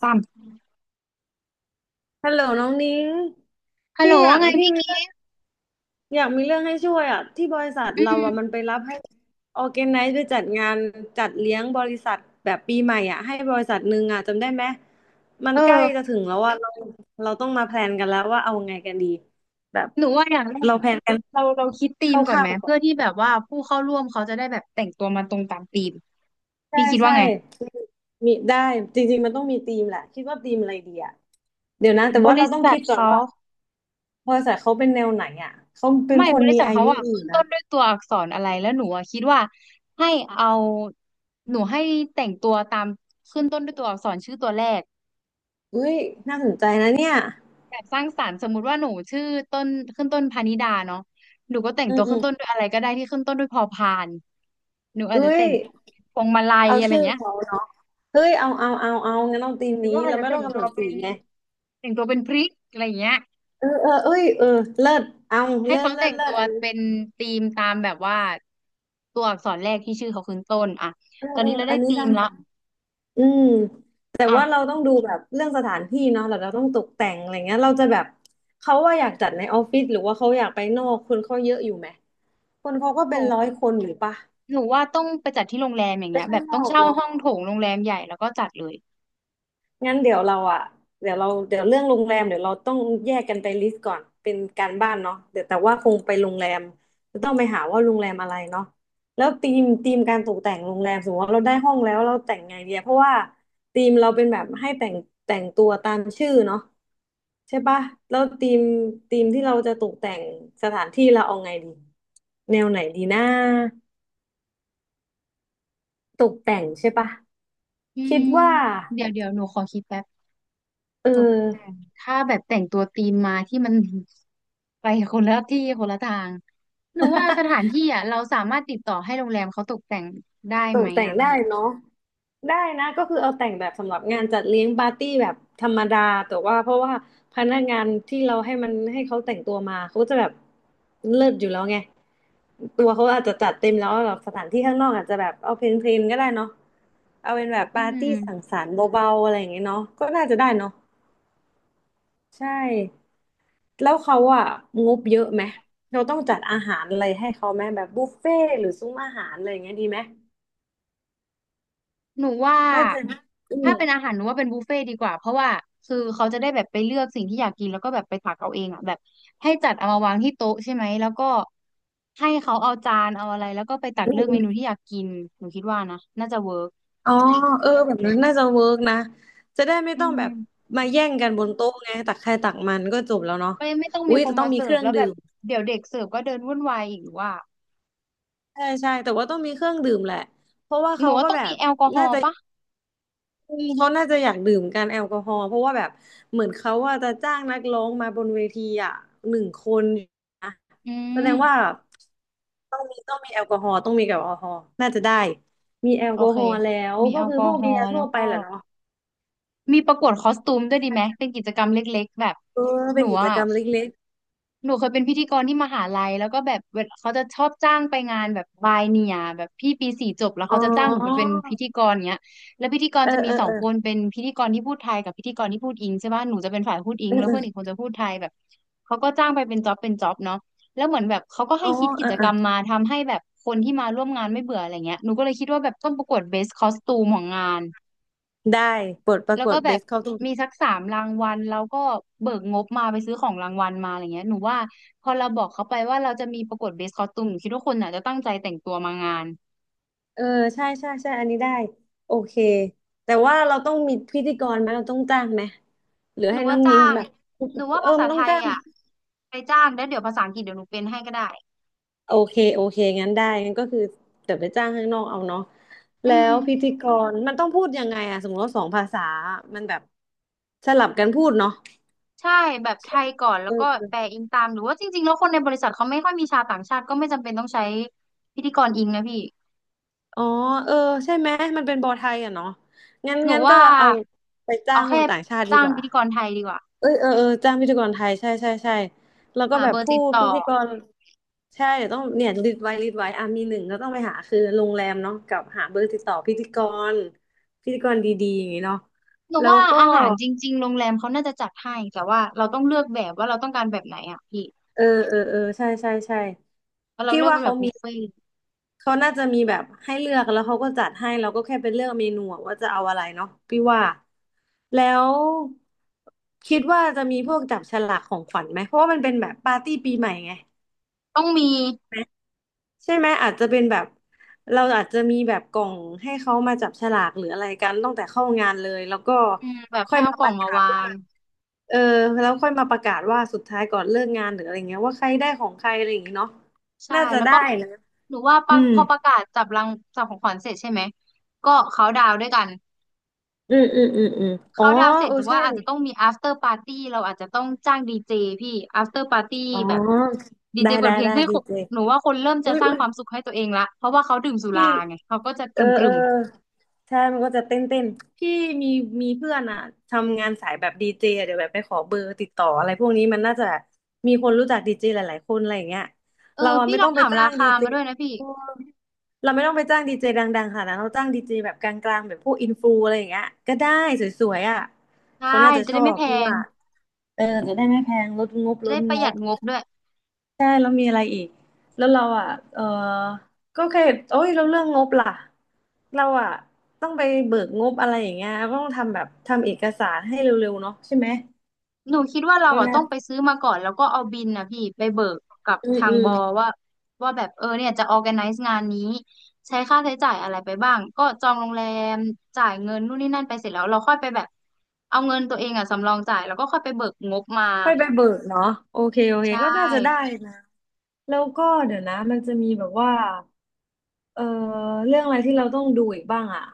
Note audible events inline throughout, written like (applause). สามฮัลโหลน้องนิ้งฮัลโหพี่ลอยาว่ากไงพี่กมีเรื่ิอฟต์งอยากมีเรื่องให้ช่วยอ่ะที่บริษัทอืเรามอ่ะมันไปรับให้ออร์แกไนซ์ไปจัดงานจัดเลี้ยงบริษัทแบบปีใหม่อ่ะให้บริษัทหนึ่งอ่ะจำได้ไหมมันเอใกล้จะอถึงแล้วว่าเราต้องมาแพลนกันแล้วว่าเอาไงกันดีแบบหนูว่าอย่างแรกเราแพอะลนกันเราคิดธีคมก่อนร่าไหวมๆก่อเพื่อนที่แบบว่าผู้เข้าร่วมเขาจะได้แบบแต่งตัวมาตรงตามธีมใช่พี่คิดว่าใช่ไงมีได้จริงๆมันต้องมีธีมแหละคิดว่าธีมอะไรดีอ่ะเดี๋ยวนะแต่บว่าเราริต้องษัคิทดก่อนเขาว่าบริษัทเขาเป็นแนวไหนอ่ะเขาเป็นไม่คบนริมีษัทอาเขายุอะอขึ้ยู่นต้นะ นด้วยตัวอักษรอะไรแล้วหนูอะคิดว่าให้เอาหนูให้แต่งตัวตามขึ้นต้นด้วยตัวอักษรชื่อตัวแรก อุ้ยน่าสนใจนะเนี่ยแบบสร้างสรรค์สมมุติว่าหนูชื่อต้นขึ้นต้นพานิดาเนาะหนูก็แต่งอืตัมวอืขึ้นมต้นด้วยอะไรก็ได้ที่ขึ้นต้นด้วยพอพานหนูอาจอุ้จะแต่ยงพวงมาลัยเอาอะไรชื่อเงี้ยเขาเนาะเฮ้ยเอางั้นเอาธีมหรือนี้ว่าอาจเราจะไม่ต้แต่องงกำตัหนวดสีเป็นไงแต่งตัวเป็นพริกอะไรเงี้ยเออเออเอ้ยเออเลิศเอาให้เขาแต่งเลิตัศวอันนี้เป็นธีมตามแบบว่าตัวอักษรแรกที่ชื่อเขาขึ้นต้นอ่ะเออตอนเออนี้เราอัได้นนี้ธีสมร้างสละรรค์อืมแต่ว่าเราอ่ะต้องดูแบบเรื่องสถานที่เนาะแล้วเราต้องตกแต่งอะไรเงี้ยเราจะแบบเขาว่าอยากจัดในออฟฟิศหรือว่าเขาอยากไปนอกคนเขาเยอะอยู่ไหมคนเขาก็หเป็นนูร้อยคนอยู่ปะหนูว่าต้องไปจัดที่โรงแรมอย่างไปเงี้ยแบข้าบงนต้องอกเช่าเนาะ ห้องโถงโรงแรมใหญ่แล้วก็จัดเลยงั้นเดี๋ยวเราอ่ะเดี๋ยวเราเดี๋ยวเรื่องโรงแรมเดี๋ยวเราต้องแยกกันไปลิสต์ก่อนเป็นการบ้านเนาะเดี๋ยวแต่ว่าคงไปโรงแรมจะต้องไปหาว่าโรงแรมอะไรเนาะแล้วธีมการตกแต่งโรงแรมสมมติว่าเราได้ห้องแล้วเราแต่งไงเดียเพราะว่าธีมเราเป็นแบบให้แต่งแต่งตัวตามชื่อเนาะใช่ปะแล้วธีมที่เราจะตกแต่งสถานที่เราเอาไงดีแนวไหนดีนะตกแต่งใช่ปะอืคิดมว่าเดี๋ยวหนูขอคิดแป๊บ เอตกแต่งอ ถ้าแบบแต่งตัวธีมมาที่มัน (laughs) ไปคนละที่คนละทางหนูว่าส (laughs) ถานที่อ่ะเราสามารถติดต่อให้โรงแรมเขาตกแต่งได้ตไหมกแต่งอ่ะได้พี่เนาะได้นะก็คือเอาแต่งแบบสำหรับงานจัดเลี้ยงปาร์ตี้แบบธรรมดาแต่ว่าเพราะว่าพนักงานที่เราให้มันให้เขาแต่งตัวมาเขาก็จะแบบเลิศอยู่แล้วไงตัวเขาอาจจะจัดเต็มแล้วแบบสถานที่ข้างนอกอาจจะแบบเอาเพลนๆก็ได้เนาะเอาเป็นแบบอืปาร์ตี้สังมสรรค์เบาๆอะไรอย่างเงี้ยเนาะก็น่าจะได้เนาะใช่แล้วเขาอะงบเยอะไหมเราต้องจัดอาหารอะไรให้เขาไหมแบบบุฟเฟ่ต์หรือซุ้มอาหารอะไรอย่างเงี้ยดีไหมหนูว่าน่าจะอืม ถ้าเป็นอาหารหนูว่าเป็นบุฟเฟ่ต์ดีกว่าเพราะว่าคือเขาจะได้แบบไปเลือกสิ่งที่อยากกินแล้วก็แบบไปตักเอาเองอ่ะแบบให้จัดเอามาวางที่โต๊ะใช่ไหมแล้วก็ให้เขาเอาจานเอาอะไรแล้วก็ไปตักเลือกเมนูที่อยากกินหนูคิดว่านะน่าจะเวิร์กอ๋อเออแบบนั้นน่าจะเวิร์กนะจะได้ไม่อืต้องแบบม มาแย่งกันบนโต๊ะไงตักใครตักมันก็จบแล้วเนาะไม่ไม่ต้องอุ้มียคแต่นต้อมางมีเสิเคร์ฟรื่องแล้วแบดื่บมเดี๋ยวเด็กเสิร์ฟก็เดินวุ่นวายอีกว่าใช่ใช่แต่ว่าต้องมีเครื่องดื่มแหละเพราะว่าหนูเขาว่าก็ต้องแบมีบแอลกอฮอล์ปะอืมเขาน่าจะอยากดื่มกันแอลกอฮอล์เพราะว่าแบบเหมือนเขาว่าจะจ้างนักร้องมาบนเวทีอ่ะหนึ่งคนนะอืแสดงว่ามต้องมีแอลกอฮอล์ต้องมีแอลกอฮอล์น่าจะได้มีแอลโอกอเคฮอล์แล้วมีก็แอลคือกอพวกฮอเบียล์ร์แล้ทั่ววไปก็แหละเนาะมีประกวดคอสตูมด้วยดีไหมเป็นกิจกรรมเล็กๆแบบเออหเป็นนูกิจอ่ะ กรรมเล็กหนูเคยเป็นพิธีกรที่มหาลัยแล้วก็แบบเวลาเขาจะชอบจ้างไปงานแบบบายเนียแบบพี่ปีสี่จบแล้วๆเขาอ๋จะจ้างหนูไปเป็อ นพิธีกรเนี้ยแล้วพิธีกรเออจะมีเออสองเออคนเป็นพิธีกรที่พูดไทยกับพิธีกรที่พูดอิงใช่ป่ะหนูจะเป็นฝ่ายพูดอิเองอแล้วเอเพื่ออนอีกคนจะพูดไทยแบบเขาก็จ้างไปเป็นจ็อบเป็นจ็อบเนาะแล้วเหมือนแบบเขาก็อ๋ให้อคิดกิเออจเอกรอรมมาทำให้แบบคนที่มาร่วมงานไม่เบื่ออะไรเงี้ยหนูก็เลยคิดว่าแบบต้องประกวดเบสคอสตูมของงาน ได้บทประแล้วกวก็ดแบเบบสเข้าตรงมีสักสามรางวัลแล้วก็เบิกงบมาไปซื้อของรางวัลมาอะไรเงี้ยหนูว่าพอเราบอกเขาไปว่าเราจะมีประกวดเบสคอสตูมหนูคิดว่าคนอ่ะจะตั้งใจแต่งตัวมางานเออใช่ใช่ใช่อันนี้ได้โอเคแต่ว่าเราต้องมีพิธีกรไหมเราต้องจ้างไหมหรือหนูให้น้ว่าองจ้านิ้งงแบบหนูว่าเออภาษามันไทต้องยจ้างอ่ะไปจ้างแล้วเดี๋ยวภาษาอังกฤษเดี๋ยวหนูเป็นให้ก็ได้โอเคโอเคงั้นได้งั้นก็คือเดี๋ยวไปจ้างข้างนอกเอาเนาะอืแล้มวพิธีกรมันต้องพูดยังไงอะสมมติว่าสองภาษามันแบบสลับกันพูดเนาะใช่แบบไทใช่ไหยมก่อนแล้เอวอก็เออแปลอิงตามหรือว่าจริงๆแล้วคนในบริษัทเขาไม่ค่อยมีชาวต่างชาติก็ไม่จำเป็นต้องใช้พิธีกรอิงนะพี่อ๋อเออใช่ไหมมันเป็นบอไทยอะเนาะหนูงั้นก็ว่าเอาไปจ้าเอางคแค่นต่างชาติดีจ้างกว่า พิธีกรไทยดีกว่าเอ้ยเออเออจ้างพิธีกรไทยใช่ใช่ใช่แล้วก็หาแบเบบอร์ผู้ติดต่อ พิธีกรใช่เดี๋ยวต้องเนี่ยลิสต์ไว้อ่ะมีหนึ่งก็ต้องไปหาคือโรงแรมเนาะกับหาเบอร์ติดต่อรพิธีกรดีๆอย่างงี้เนาะหนูแล้วว่าก็อาหารจริงๆโรงแรมเขาน่าจะจัดให้แต่ว่าเราต้องเลือกแบบว่าเราต้องการแบบไหนอ่ะพี่เออเออเออใช่ใช่ใช่แล้วเราพี่เลือกว่าเป็นแบเขาบบุมีฟเฟ่ต์เขาน่าจะมีแบบให้เลือกแล้วเขาก็จัดให้เราก็แค่ไปเลือกเมนูอะว่าจะเอาอะไรเนาะพี่ว่าแล้วคิดว่าจะมีพวกจับฉลากของขวัญไหมเพราะว่ามันเป็นแบบปาร์ตี้ปีใหม่ไง ต้องมีใช่ไหมอาจจะเป็นแบบเราอาจจะมีแบบกล่องให้เขามาจับฉลากหรืออะไรกันตั้งแต่เข้างานเลยแล้วก็อืมแบบค่อให้ยเอามากปล่องระมากาศวาว่าง เออแล้วค่อยมาประกาศว่าสุดท้ายก่อนเลิกงานหรืออะไรเงี้ยว่าใครได้ของใครอะไรอย่างงี้เนาะใช่ น่าจะแล้วได้ก็นะหนูว่าอืปะมพอประกาศจับของขวัญเสร็จใช่ไหม ก็เขาดาวน์ด้วยกันอืมอืมอ๋อเขาดาวน์เสร็จเออหนูใช่ว่าอาจจะต้องมี after party เราอาจจะต้องจ้างดีเจพี่ after party อ๋อแบบดีเจเปิดเพลงได้ให้ดีคนเจหนูว่าคนเริ่มจะสร้างอุ้ยความสุขให้ตัวเองละเพราะว่าเขาดื่มสุพี่ ราไงเขาก็จะกเอลอเออุ่มใช่มันก็จะเต้นเต้นพี่มีมีเพื่อนอ่ะทำงานสายแบบดีเจเดี๋ยวแบบไปขอเบอร์ติดต่ออะไรพวกนี้มันน่าจะมีคนรู้จักดีเจหลายๆคนอะไรอย่างเงี้ยๆเออเราอ่ะพี่ไม่ลต้อองงไปถามจ้ารางดีคาเจมาด้วยนะพี่ เออเราไม่ต้องไปจ้างดีเจดังๆค่ะนะเราจ้างดีเจแบบกลางๆแบบพวกอินฟลูอะไรอย่างเงี้ยก็ได้สวยๆอ่ะใช่เขาน่าจะจะชได้อไม่บแพพี่งว่าเออจะได้ไม่แพงลดงบจะลได้ดปงระหยัดบ งบด้วยใช่แล้วมีอะไรอีกแล้วเราอ่ะเออก็แค่โอ้ยเราเรื่องงบล่ะเราอ่ะต้องไปเบิกงบอะไรอย่างเงี้ยต้องทำแบบทำเอกสารให้เร็วๆเนาะใช่ไหมหนูคิดว่าเราก็อ่ะน่าต้องไปซื้อมาก่อนแล้วก็เอาบินนะพี่ไปเบิกกับอืมทางอืบมอว่าว่าแบบเออเนี่ยจะ organize งานนี้ใช้ค่าใช้จ่ายอะไรไปบ้างก็จองโรงแรมจ่ายเงินนู่นนี่นั่นไปเสร็จแล้วเราค่อยไปแบบเอาเงินตัวเองอ่ะสำรองจ่ายแล้วก็ค่อยไปเบิกงบมาค่อยไปเบิกเนาะโอเคโอเคใช่ก็น่าจะได้นะแล้วก็เดี๋ยวนะมันจะมีแบบว่าเออเรื่องอะไรที่เราต้องดูอีกบ้างอ่ะ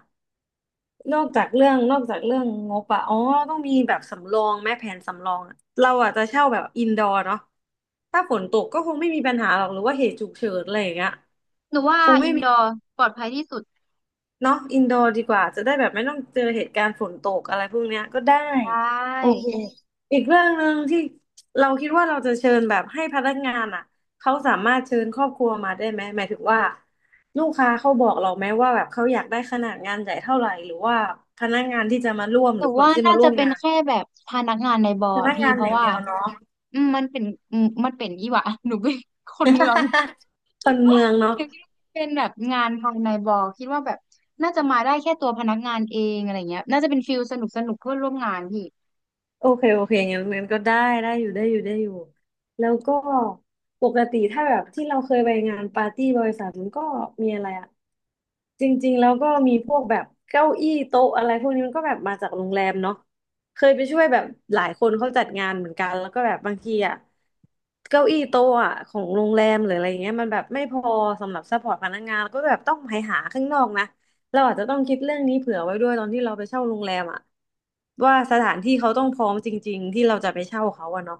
นอกจากเรื่องนอกจากเรื่องงบอะอ๋อต้องมีแบบสำรองแม่แผนสำรองอะเราอะจะเช่าแบบอินดอร์เนาะถ้าฝนตกก็คงไม่มีปัญหาหรอกหรือว่าเหตุฉุกเฉินอะไรอย่างเงี้ยหนูว่าคงไม่อินมี ดอร์ปลอดภัยที่สุดเนาะอินดอร์ดีกว่าจะได้แบบไม่ต้องเจอเหตุการณ์ฝนตกอะไรพวกเนี้ยก็ได้ใช่ โอเคอีกเรื่องหนึ่งที่เราคิดว่าเราจะเชิญแบบให้พนักงานอ่ะเขาสามารถเชิญครอบครัวมาได้ไหมหมายถึงว่าลูกค้าเขาบอกเราไหมว่าแบบเขาอยากได้ขนาดงานใหญ่เท่าไหร่หรือว่าพนักงานที่จะมาร่วมหหนูรือคนว่าที่น่ามาร่จะวมเป็นงานแค่แบบพนักงานในบอพร์อะนักพี่งานเพอราะย่างว่าเดียวเนาะ อืมมันเป็นอืมมันเป็นยี่หวะ (laughs) หนูเป็นคนเมือง (laughs) หคนูนคิดว่าเมืองเนาะ เป็นแบบงานภายในบอร์คิดว่าแบบน่าจะมาได้แค่ตัวพนักงานเองอะไรเงี้ยน่าจะเป็นฟิลสนุกสนุกเพื่อนร่วมงานพี่โอเคโอเคงั้นงั้นก็ได้ได้อยู่ได้อยู่ได้อยู่แล้วก็ปกติถ้าแบบที่เราเคยไปงานปาร์ตี้บริษัทมันก็มีอะไรอะจริงๆแล้วก็มีพวกแบบเก้าอี้โต๊ะอะไรพวกนี้มันก็แบบมาจากโรงแรมเนาะเคยไปช่วยแบบหลายคนเขาจัดงานเหมือนกันแล้วก็แบบบางทีอะ เก้าอี้โต๊ะอะของโรงแรมหรืออะไรเงี้ยมันแบบไม่พอสำหรับซัพพอร์ตพนักงานแล้วก็แบบต้องไปหาข้างนอกนะเราอาจจะต้องคิดเรื่องนี้เผื่อไว้ด้วยตอนที่เราไปเช่าโรงแรมอะว่าสถานที่เขาต้องพร้อมจริงๆที่เราจะไปเช่าเขาอะเนาะ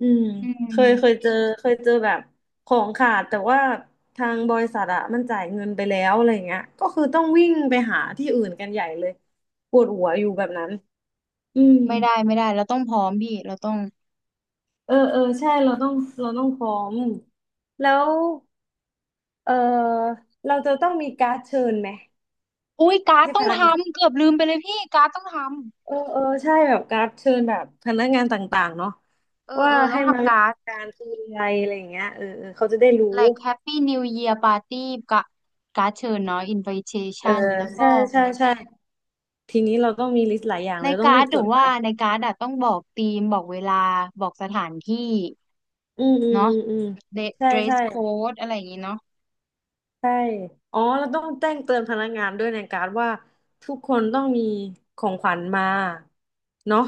อืมอืเคยเคยมเจอเคยเจอแบบของขาดแต่ว่าทางบริษัทอะมันจ่ายเงินไปแล้วอะไรเงี้ยก็คือต้องวิ่งไปหาที่อื่นกันใหญ่เลยปวดหัวอยู่แบบนั้นอืมไม่ได้ไม่ได้เราต้องพร้อมพี่เราต้องเออเออใช่เราต้องเราต้องพร้อมแล้ว เออเราจะต้องมีการ์ดเชิญไหมอุ้ยการ์ดให้ต้พองนักงานทำเกือบลืมไปเลยพี่การ์ดต้องทเออเออใช่แบบการ์ดเชิญแบบพนักงานต่างๆเนาะำเออว่าเออต้อให้งมาทำการ่วมร์ด การคืออะไรอะไรอย่างเงี้ยเออเออเขาจะได้รู้ like Happy New Year Party กะการ์ดเชิญเนาะ เออ invitation แล้วใช่ก็ ใช่ใช่ทีนี้เราต้องมีลิสต์หลายอย่างในเลยต้องการีร์ดบหจนูดไว้ว่าในการ์ดอะต้องบอกธีมบอกเวลาบอกสถานที่อืมอืมเนาะอืมอืมเดใช่เดรสใช่ โค้ดอะไรอย่างงี้เนาะใช่อ๋อแล้วต้องแจ้งเตือนพนักงานด้วยในการดว่าทุกคนต้องมีของขวัญมาเนาะ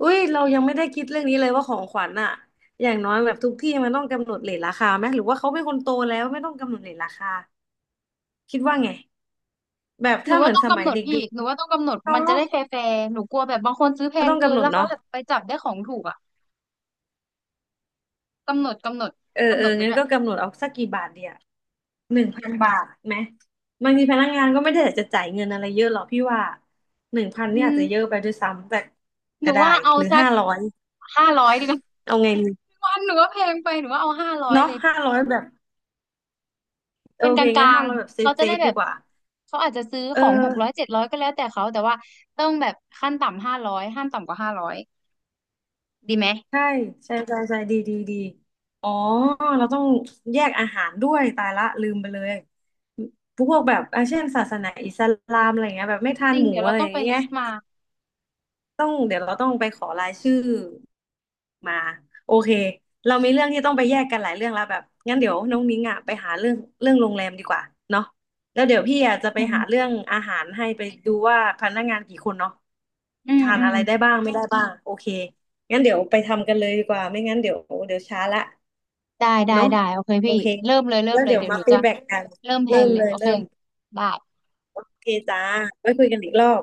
อุ้ยเรายังไม่ได้คิดเรื่องนี้เลยว่าของขวัญอะอย่างน้อยแบบทุกที่มันต้องกำหนดเรทราคาไหมหรือว่าเขาเป็นคนโตแล้วไม่ต้องกำหนดเรทราคาคิดว่าไงแบบหนูถ้าเหว่ามือนต้องสกำมัหยนดเดพี่็กหนูว่าต้องกำหนดๆเนมันจะาะได้แฟร์ๆหนูกลัวแบบบางคนซื้อแพก็งต้องเกิกำนหนแล้ดวเขาเนาะ แบบไปจับได้ของถูกอะกำหนดกำหนดเออกำเอหนอดไปงั้ด้นวยก็กำหนดเอาสักกี่บาทเดียว1,000 บาทไหมบางทีพนักงานก็ไม่ได้อยากจะจ่ายเงินอะไรเยอะหรอกพี่ว่าหนึ่งพันเนี่อืยอาจมจะเยอะไปด้วยซ้ำแต่หนูก็ได้ว่าเอาหรือสักห้าร้อยห้าร้อยดีกว่าเอาไงดีวันหนูว่าแพงไปหนูว่าเอาห้าร้อยเนาะเลยห้าร้อยแบบโอเป็นกเคงั้ลานงห้าร้อยแบบๆเซเขาฟจะเซได้ฟแบดีบกว่าเขาอาจจะซื้อเอของ600อ700ก็แล้วแต่เขาแต่ว่าต้องแบบขั้นต่ำห้าร้อยห้ามต่ำกว่าห้าร้อยดีไหม ใช่ใช่ใช่ใช่ดีดีดีอ๋อเราต้องแยกอาหารด้วยตายละลืมไปเลยพวกแบบอ่ะเช่นศาสนาอิสลามอะไรเงี้ยแบบไม่ทาจนริง หมูเดี๋ยวเราอะไรต้อองย่างไปเงี้ลิย สต์มา ต้องเดี๋ยวเราต้องไปขอรายชื่อมาโอเคเรามีเรื่องที่ต้องไปแยกกันหลายเรื่องแล้วแบบงั้นเดี๋ยวน้องนิ้งอ่ะไปหาเรื่องเรื่องโรงแรมดีกว่าเนาะแล้วเดี๋ยวพี่อ่ะจะไปอืหาม เรื่องอาหารให้ไปดูว่าพนักงานกี่คนเนาะอืม ทานอือะม ไรได้บ้างไม่ได้บ้างโอเคงั้นเดี๋ยวไปทำกันเลยดีกว่าไม่งั้นเดี๋ยวเดี๋ยวช้าละได้ ได้ เนาะได้ โอเคโอพี่ เคเริ่มเลย เริ่แล้มวเลย เดี๋ยวเดี๋ยวมาหนูฟีจะดแบ็กกันเริ่มแพลเริ่นมเลเลย ยโอเค เริ่มได้โอเคจ้าไว้คุยกันอีกรอบ